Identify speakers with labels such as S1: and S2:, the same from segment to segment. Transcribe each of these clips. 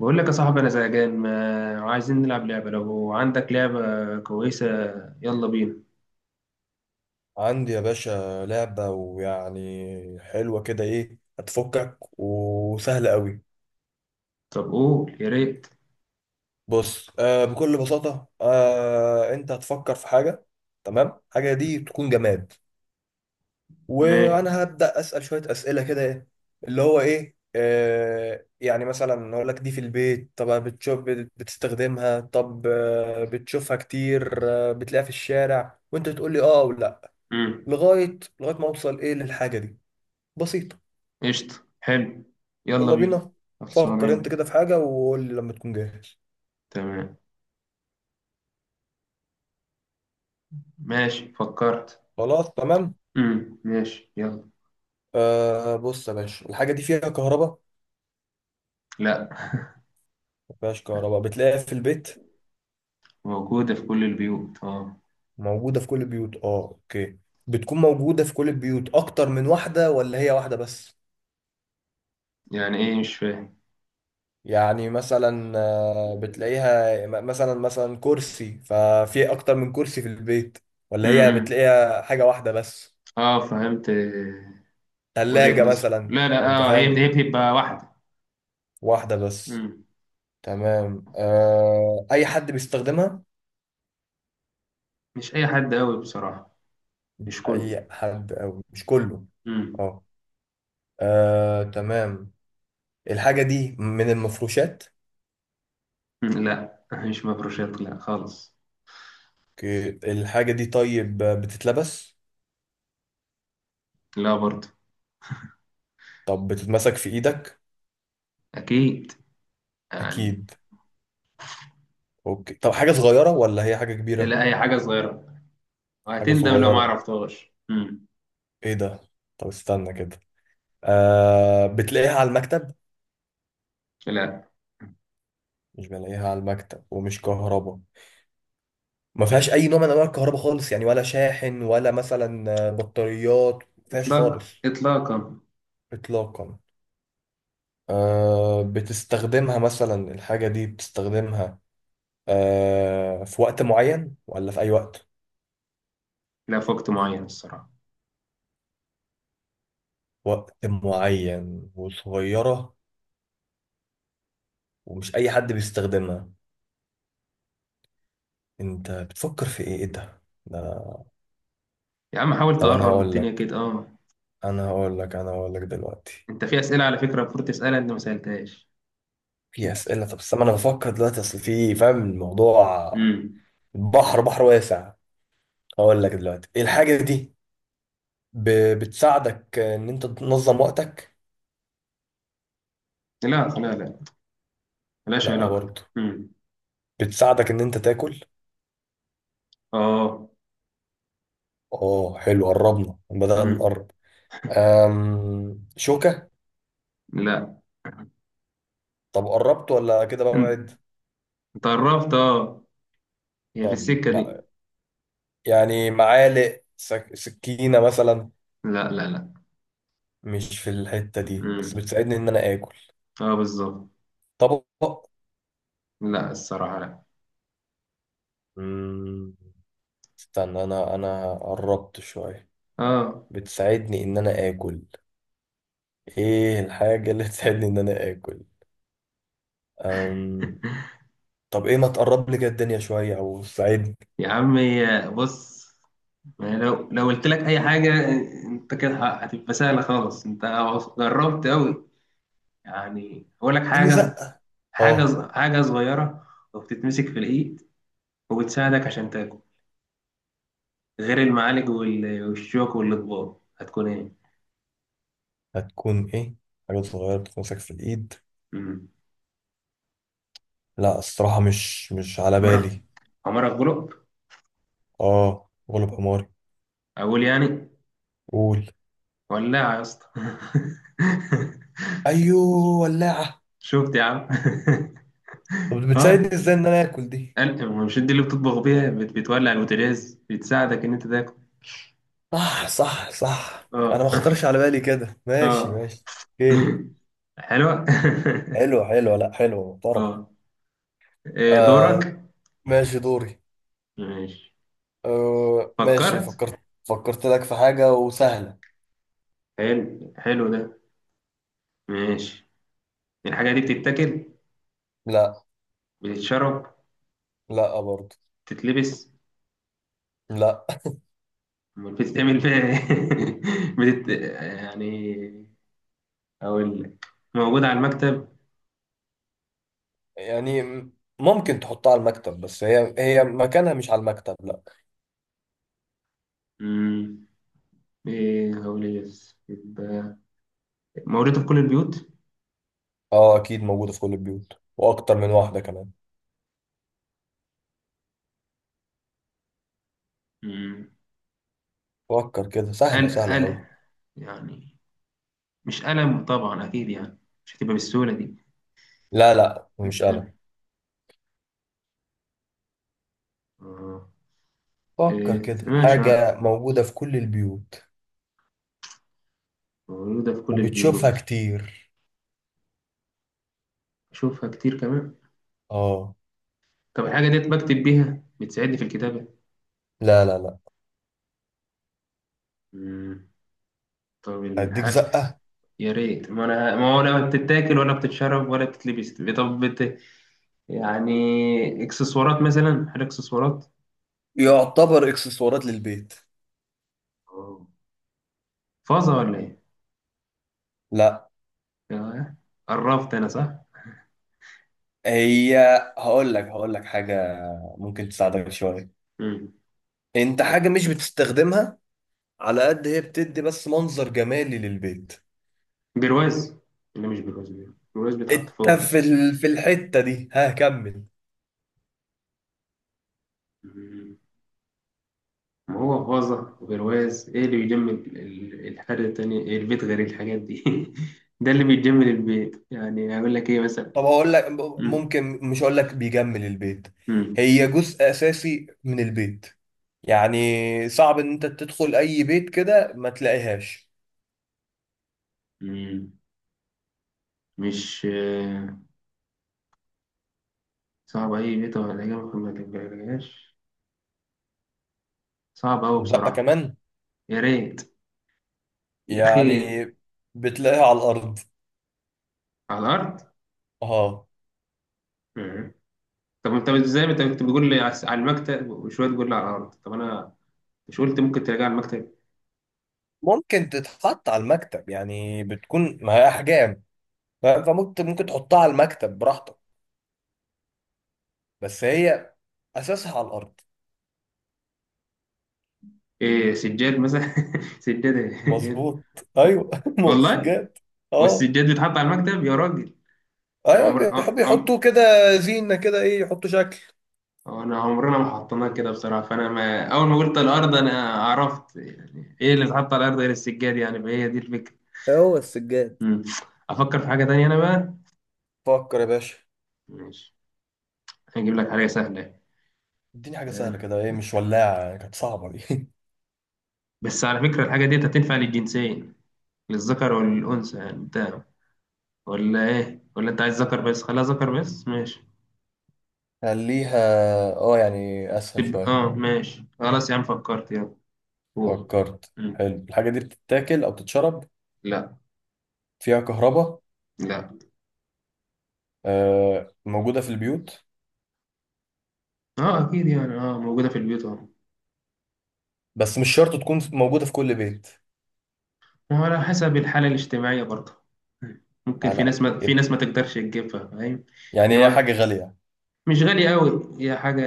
S1: بقول لك يا صاحبي، انا زهقان. ما عايزين نلعب لعبه؟ لو عندك لعبه كويسه يلا بينا.
S2: عندي يا باشا لعبة ويعني حلوة كده هتفكك وسهلة قوي.
S1: طب قول يا ريت.
S2: بص، بكل بساطة، انت هتفكر في حاجة. تمام، حاجة دي تكون جماد،
S1: ماشي.
S2: وانا هبدأ اسأل شوية اسئلة كده اللي هو ايه آه يعني مثلا اقول لك دي في البيت، طب بتشوف بتستخدمها؟ طب بتشوفها كتير؟ بتلاقيها في الشارع؟ وانت تقول لي اه او لا،
S1: امم.
S2: لغاية ما اوصل للحاجة دي. بسيطة.
S1: قشطه، حلو. يلا
S2: يلا
S1: بينا.
S2: بينا.
S1: خلصانه،
S2: فكر انت
S1: يلا.
S2: كده في حاجة وقول لي لما تكون جاهز.
S1: تمام. ماشي، فكرت.
S2: خلاص تمام.
S1: ماشي، يلا.
S2: بص يا باشا، الحاجة دي فيها كهرباء؟
S1: لا.
S2: ما فيهاش كهرباء. بتلاقيها في البيت؟
S1: موجوده في كل البيوت، اه.
S2: موجودة في كل البيوت، اه، اوكي. بتكون موجودة في كل البيوت اكتر من واحدة ولا هي واحدة بس؟
S1: يعني ايه؟ مش فاهم.
S2: يعني مثلا بتلاقيها مثلا، كرسي، ففي اكتر من كرسي في البيت، ولا هي
S1: امم.
S2: بتلاقيها حاجة واحدة بس؟
S1: اه، فهمت، وجهه
S2: ثلاجة
S1: نظر.
S2: مثلا.
S1: لا، لا،
S2: انت
S1: اه، هي
S2: فاهم.
S1: هي بتبقى واحده.
S2: واحدة بس.
S1: امم.
S2: تمام. اي حد بيستخدمها؟
S1: مش اي حد قوي، بصراحه.
S2: مش
S1: مش كله.
S2: اي حد او مش كله. اه. تمام. الحاجة دي من المفروشات؟
S1: لا، مش مفروشات، لا خالص.
S2: اوكي. الحاجة دي طيب بتتلبس؟
S1: لا برضه.
S2: طب بتتمسك في ايدك؟
S1: اكيد، يعني.
S2: اكيد. اوكي. طب حاجة صغيرة ولا هي حاجة كبيرة؟
S1: لا، اي حاجه صغيره.
S2: حاجة
S1: وهتندم لو ما
S2: صغيرة.
S1: عرفتهاش. مم.
S2: ايه ده؟ طب استنى كده. بتلاقيها على المكتب؟
S1: لا.
S2: مش بلاقيها على المكتب، ومش كهرباء. ما فيهاش اي نوع من انواع الكهرباء خالص، يعني ولا شاحن ولا مثلا بطاريات، ما فيهاش خالص.
S1: اطلاق، اطلاقا.
S2: اطلاقا. بتستخدمها مثلا؟ الحاجة دي بتستخدمها في وقت معين ولا في أي وقت؟
S1: لا، في وقت معين الصراحه.
S2: وقت معين وصغيرة، ومش أي حد بيستخدمها. أنت بتفكر في إيه؟ إيه ده؟ ده
S1: يا عم، حاول
S2: طب أنا
S1: تقرب
S2: هقول
S1: الدنيا
S2: لك،
S1: كده، اه.
S2: أنا هقول لك دلوقتي.
S1: انت في اسئله على فكره المفروض تسالها، انت ما سالتهاش.
S2: في أسئلة. طب استنى، أنا بفكر دلوقتي، أصل في فاهم الموضوع.
S1: امم.
S2: بحر واسع. هقول لك دلوقتي إيه الحاجة دي. بتساعدك إن أنت تنظم وقتك؟
S1: لا، لا، لا. ملهاش
S2: لأ
S1: علاقه.
S2: برضه.
S1: امم.
S2: بتساعدك إن أنت تاكل؟
S1: اه.
S2: اه، حلو، قربنا، بدأنا
S1: امم.
S2: نقرب. أم... شوكة؟
S1: لا.
S2: طب قربت ولا كده
S1: انت.
S2: ببعد؟
S1: أنت قربت، اه. هي في
S2: طب
S1: السكه دي.
S2: ما... يعني معالق، سكينة مثلا؟
S1: لا، لا، لا.
S2: مش في الحتة دي، بس
S1: امم.
S2: بتساعدني ان انا اكل.
S1: اه، بالظبط.
S2: طبق؟
S1: لا، الصراحه لا.
S2: مم... استنى، انا قربت شوية.
S1: اه.
S2: بتساعدني ان انا اكل. ايه الحاجة اللي تساعدني ان انا اكل؟ أم... طب ايه، ما تقرب لي كده الدنيا شوية او ساعدني.
S1: يا عمي، بص. ما هي لو قلت لك اي حاجه انت كده هتبقى سهله خالص. انت جربت قوي، يعني. اقول لك
S2: اديني
S1: حاجه؟
S2: زقة.
S1: حاجه
S2: اه.
S1: حاجه صغيره، وبتتمسك في الايد، وبتساعدك عشان تاكل، غير المعالج والشوك والاطباق. هتكون ايه؟
S2: هتكون ايه؟ حاجة صغيرة بتتمسك في الإيد.
S1: مم.
S2: لا الصراحة مش مش على
S1: عمرك،
S2: بالي.
S1: عمرك غلب.
S2: اه غلب حماري.
S1: اقول، يعني؟
S2: قول.
S1: ولاعه يا اسطى.
S2: أيوه ولاعة.
S1: شفت يا عم؟
S2: طب
S1: اه.
S2: بتساعدني ازاي إن أنا آكل دي؟
S1: مش دي اللي بتطبخ بيها، بتولع البوتاجاز، بتساعدك ان انت تاكل.
S2: صح صح صح، أنا
S1: اه.
S2: ما خطرش على بالي كده، ماشي
S1: اه.
S2: ماشي. ايه.
S1: حلوة.
S2: حلوة حلوة، لا حلوة محترم.
S1: اه. إيه
S2: آه
S1: دورك؟
S2: ماشي، دوري.
S1: ماشي،
S2: آه ماشي
S1: فكرت.
S2: فكرت. فكرت لك في حاجة وسهلة.
S1: حلو، حلو ده. ماشي. الحاجة دي بتتاكل؟
S2: لا.
S1: بتتشرب؟
S2: لا برضه.
S1: بتتلبس؟
S2: لا.
S1: أمال بتتعمل فيها ايه؟ بتت... يعني، أقول لك. موجودة على المكتب.
S2: يعني ممكن تحطها على المكتب، بس هي مكانها مش على المكتب، لا.
S1: مم. ايه هقول، ايه بس؟ يبقى موجودة في كل البيوت.
S2: اه اكيد موجودة في كل البيوت، واكتر من واحدة كمان.
S1: مم.
S2: فكر كده، سهلة
S1: أنا
S2: سهلة اوي.
S1: أنا يعني، مش قلم طبعا أكيد، يعني مش هتبقى بالسهولة دي.
S2: لا
S1: مش
S2: مش قلم.
S1: قلم.
S2: فكر
S1: إيه،
S2: كده
S1: ماشي، أعرف.
S2: حاجة موجودة في كل البيوت
S1: موجودة في كل
S2: وبتشوفها
S1: البيوت.
S2: كتير.
S1: أشوفها كتير كمان.
S2: اه.
S1: طب الحاجة ديت بكتب بيها، بتساعدني في الكتابة؟
S2: لا.
S1: مم. طب
S2: هديك
S1: الحق،
S2: زقة.
S1: يا ريت. ما أنا، ما هو ولا بتتاكل ولا بتتشرب ولا بتتلبس. طب يعني، إكسسوارات مثلا، حاجة إكسسوارات.
S2: يعتبر اكسسوارات للبيت.
S1: أوه. فازة ولا إيه؟
S2: لا.
S1: آه، قربت أنا، صح؟
S2: هي هقول لك، حاجة ممكن تساعدك شوية.
S1: مم.
S2: انت حاجة مش بتستخدمها، على قد هي بتدي بس منظر جمالي للبيت.
S1: برواز؟ ولا مش برواز؟ برواز بيتحط
S2: انت
S1: فوقها.
S2: في ال... في الحتة دي، ها، كمل.
S1: مم. ما هو غازة وبرواز، ايه اللي بيجمل الحاجة التانية، إيه البيت غير الحاجات دي؟ ده اللي بيجمل البيت، يعني هقول لك ايه مثلا.
S2: طب هقول لك،
S1: مم.
S2: ممكن مش هقول لك بيجمل البيت،
S1: مم.
S2: هي جزء اساسي من البيت. يعني صعب ان انت تدخل اي بيت كده ما تلاقيهاش.
S1: مم. مش صعب اي بيت، ولا إجابة ما تجيبهاش؟ صعب أوي
S2: لا
S1: بصراحة.
S2: كمان.
S1: يا ريت يا أخي.
S2: يعني بتلاقيها على الارض.
S1: على الأرض.
S2: اه.
S1: مم. طب انت ازاي، انت كنت بتقول لي على المكتب، وشوية تقول لي على الأرض؟ طب انا مش قلت ممكن تلاقيها على المكتب.
S2: ممكن تتحط على المكتب يعني، بتكون ما هي احجام، فممكن، تحطها على المكتب براحتك، بس هي اساسها على الارض.
S1: ايه، سجاد مثلا! سجادة.
S2: مظبوط. ايوه
S1: والله.
S2: مسجات. اه
S1: والسجاد بيتحط على المكتب يا راجل؟ أنا عمر
S2: ايوه، بيحب
S1: آه، عم...
S2: يحطوه كده زينه كده، يحطوا شكل.
S1: آه، انا عمرنا ما حطيناه كده بصراحه، فانا ما... اول ما قلت الارض انا عرفت يعني ايه اللي بيتحط على الارض غير السجاد، يعني فهي دي الفكره.
S2: هو السجاد.
S1: مم. افكر في حاجه تانية انا بقى.
S2: فكر يا باشا.
S1: ماشي. هجيب لك حاجه سهله.
S2: اديني حاجة سهلة
S1: آه،
S2: كده، مش ولاعة، يعني كانت صعبة دي
S1: بس على فكره الحاجه دي هتنفع للجنسين، للذكر والانثى يعني. انت ولا ايه؟ ولا انت عايز ذكر بس؟ خلاها ذكر بس، ماشي.
S2: خليها. اه يعني اسهل
S1: تبقى
S2: شوية.
S1: اه، ماشي خلاص يا عم، فكرت. يلا، قول.
S2: فكرت،
S1: مم.
S2: حلو. الحاجة دي بتتاكل او بتتشرب؟
S1: لا.
S2: فيها كهرباء؟
S1: لا.
S2: آه موجودة في البيوت؟
S1: اه اكيد يعني، اه، موجوده في البيوت، اهو.
S2: بس مش شرط تكون موجودة في كل بيت.
S1: ما هو على حسب الحالة الاجتماعية برضه. ممكن
S2: على
S1: في
S2: يب-
S1: ناس ما تقدرش تجيبها، فاهم؟ هي
S2: يعني هي حاجة غالية؟
S1: مش غالية قوي، هي حاجة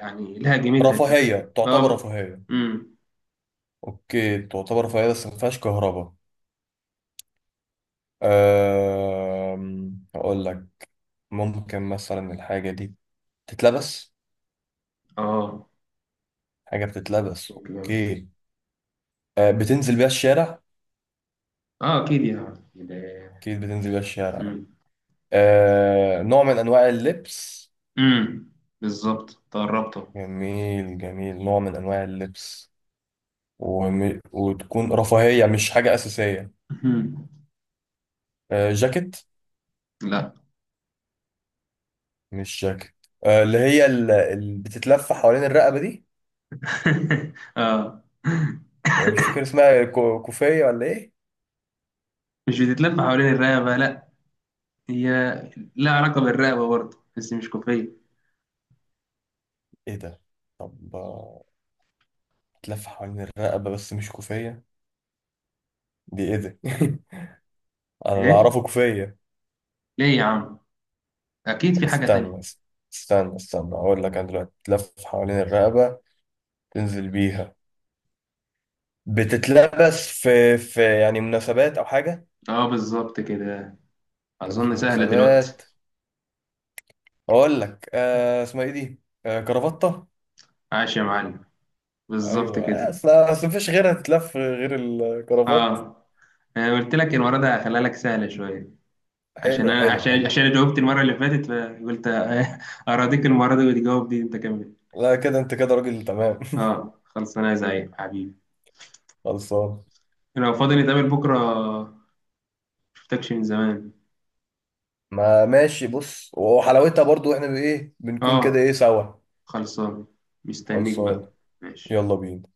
S1: يعني لها قيمتها كده.
S2: رفاهية، تعتبر
S1: اه.
S2: رفاهية.
S1: امم.
S2: اوكي تعتبر رفاهية، بس ما فيهاش كهرباء. آه اقول لك، ممكن مثلا الحاجة دي تتلبس.
S1: اه.
S2: حاجة بتتلبس،
S1: الجواز.
S2: اوكي. بتنزل بيها الشارع.
S1: اه اكيد يعني
S2: اكيد بتنزل بيها الشارع.
S1: امم.
S2: نوع من انواع اللبس.
S1: امم. بالظبط، تقربته.
S2: جميل جميل، نوع من انواع اللبس، وتكون رفاهية، مش حاجة أساسية.
S1: أمم.
S2: جاكيت؟
S1: لا.
S2: مش جاكيت. اللي هي اللي بتتلف حوالين الرقبة دي.
S1: اه.
S2: مش فاكر اسمها، كوفية ولا ايه؟
S1: مش بتتلف حوالين الرقبة، لا. هي لها علاقة بالرقبة برضه، بس مش كوفية.
S2: ايه ده؟ طب بتلف حوالين الرقبة بس مش كوفية، دي ايه ده انا اللي
S1: ايه؟
S2: اعرفه كوفية.
S1: ليه يا عم؟ اكيد
S2: طب
S1: في حاجة تانية.
S2: استنى، استنى اقول لك انا دلوقتي، تلف حوالين الرقبة، تنزل بيها، بتتلبس في يعني مناسبات او حاجة.
S1: اه، بالظبط كده.
S2: تلبس في
S1: أظن سهلة دلوقتي.
S2: مناسبات. اقول لك، اسمها ايه دي، كرافتة.
S1: عاش يا معلم! بالظبط
S2: ايوه آه،
S1: كده.
S2: اصل اصل مفيش غيرها تتلف غير الكرافات.
S1: اه. أنا قلت لك المرة دي هخليها لك سهلة شوية، عشان
S2: حلو
S1: أنا
S2: حلو
S1: عشان
S2: حلو.
S1: عشان جاوبت المرة اللي فاتت، فقلت أراضيك المرة دي وتجاوب دي أنت كمان.
S2: لا كده انت كده راجل تمام.
S1: اه، خلص أنا زيك حبيبي.
S2: خلصان.
S1: لو فاضي نتقابل بكرة، مشفتكش من زمان.
S2: ما ماشي. بص وحلاوتها برضو احنا بايه بنكون كده،
S1: اه،
S2: سوا.
S1: خلصان. مستنيك
S2: خلصان.
S1: بقى. ماشي.
S2: يلا بينا.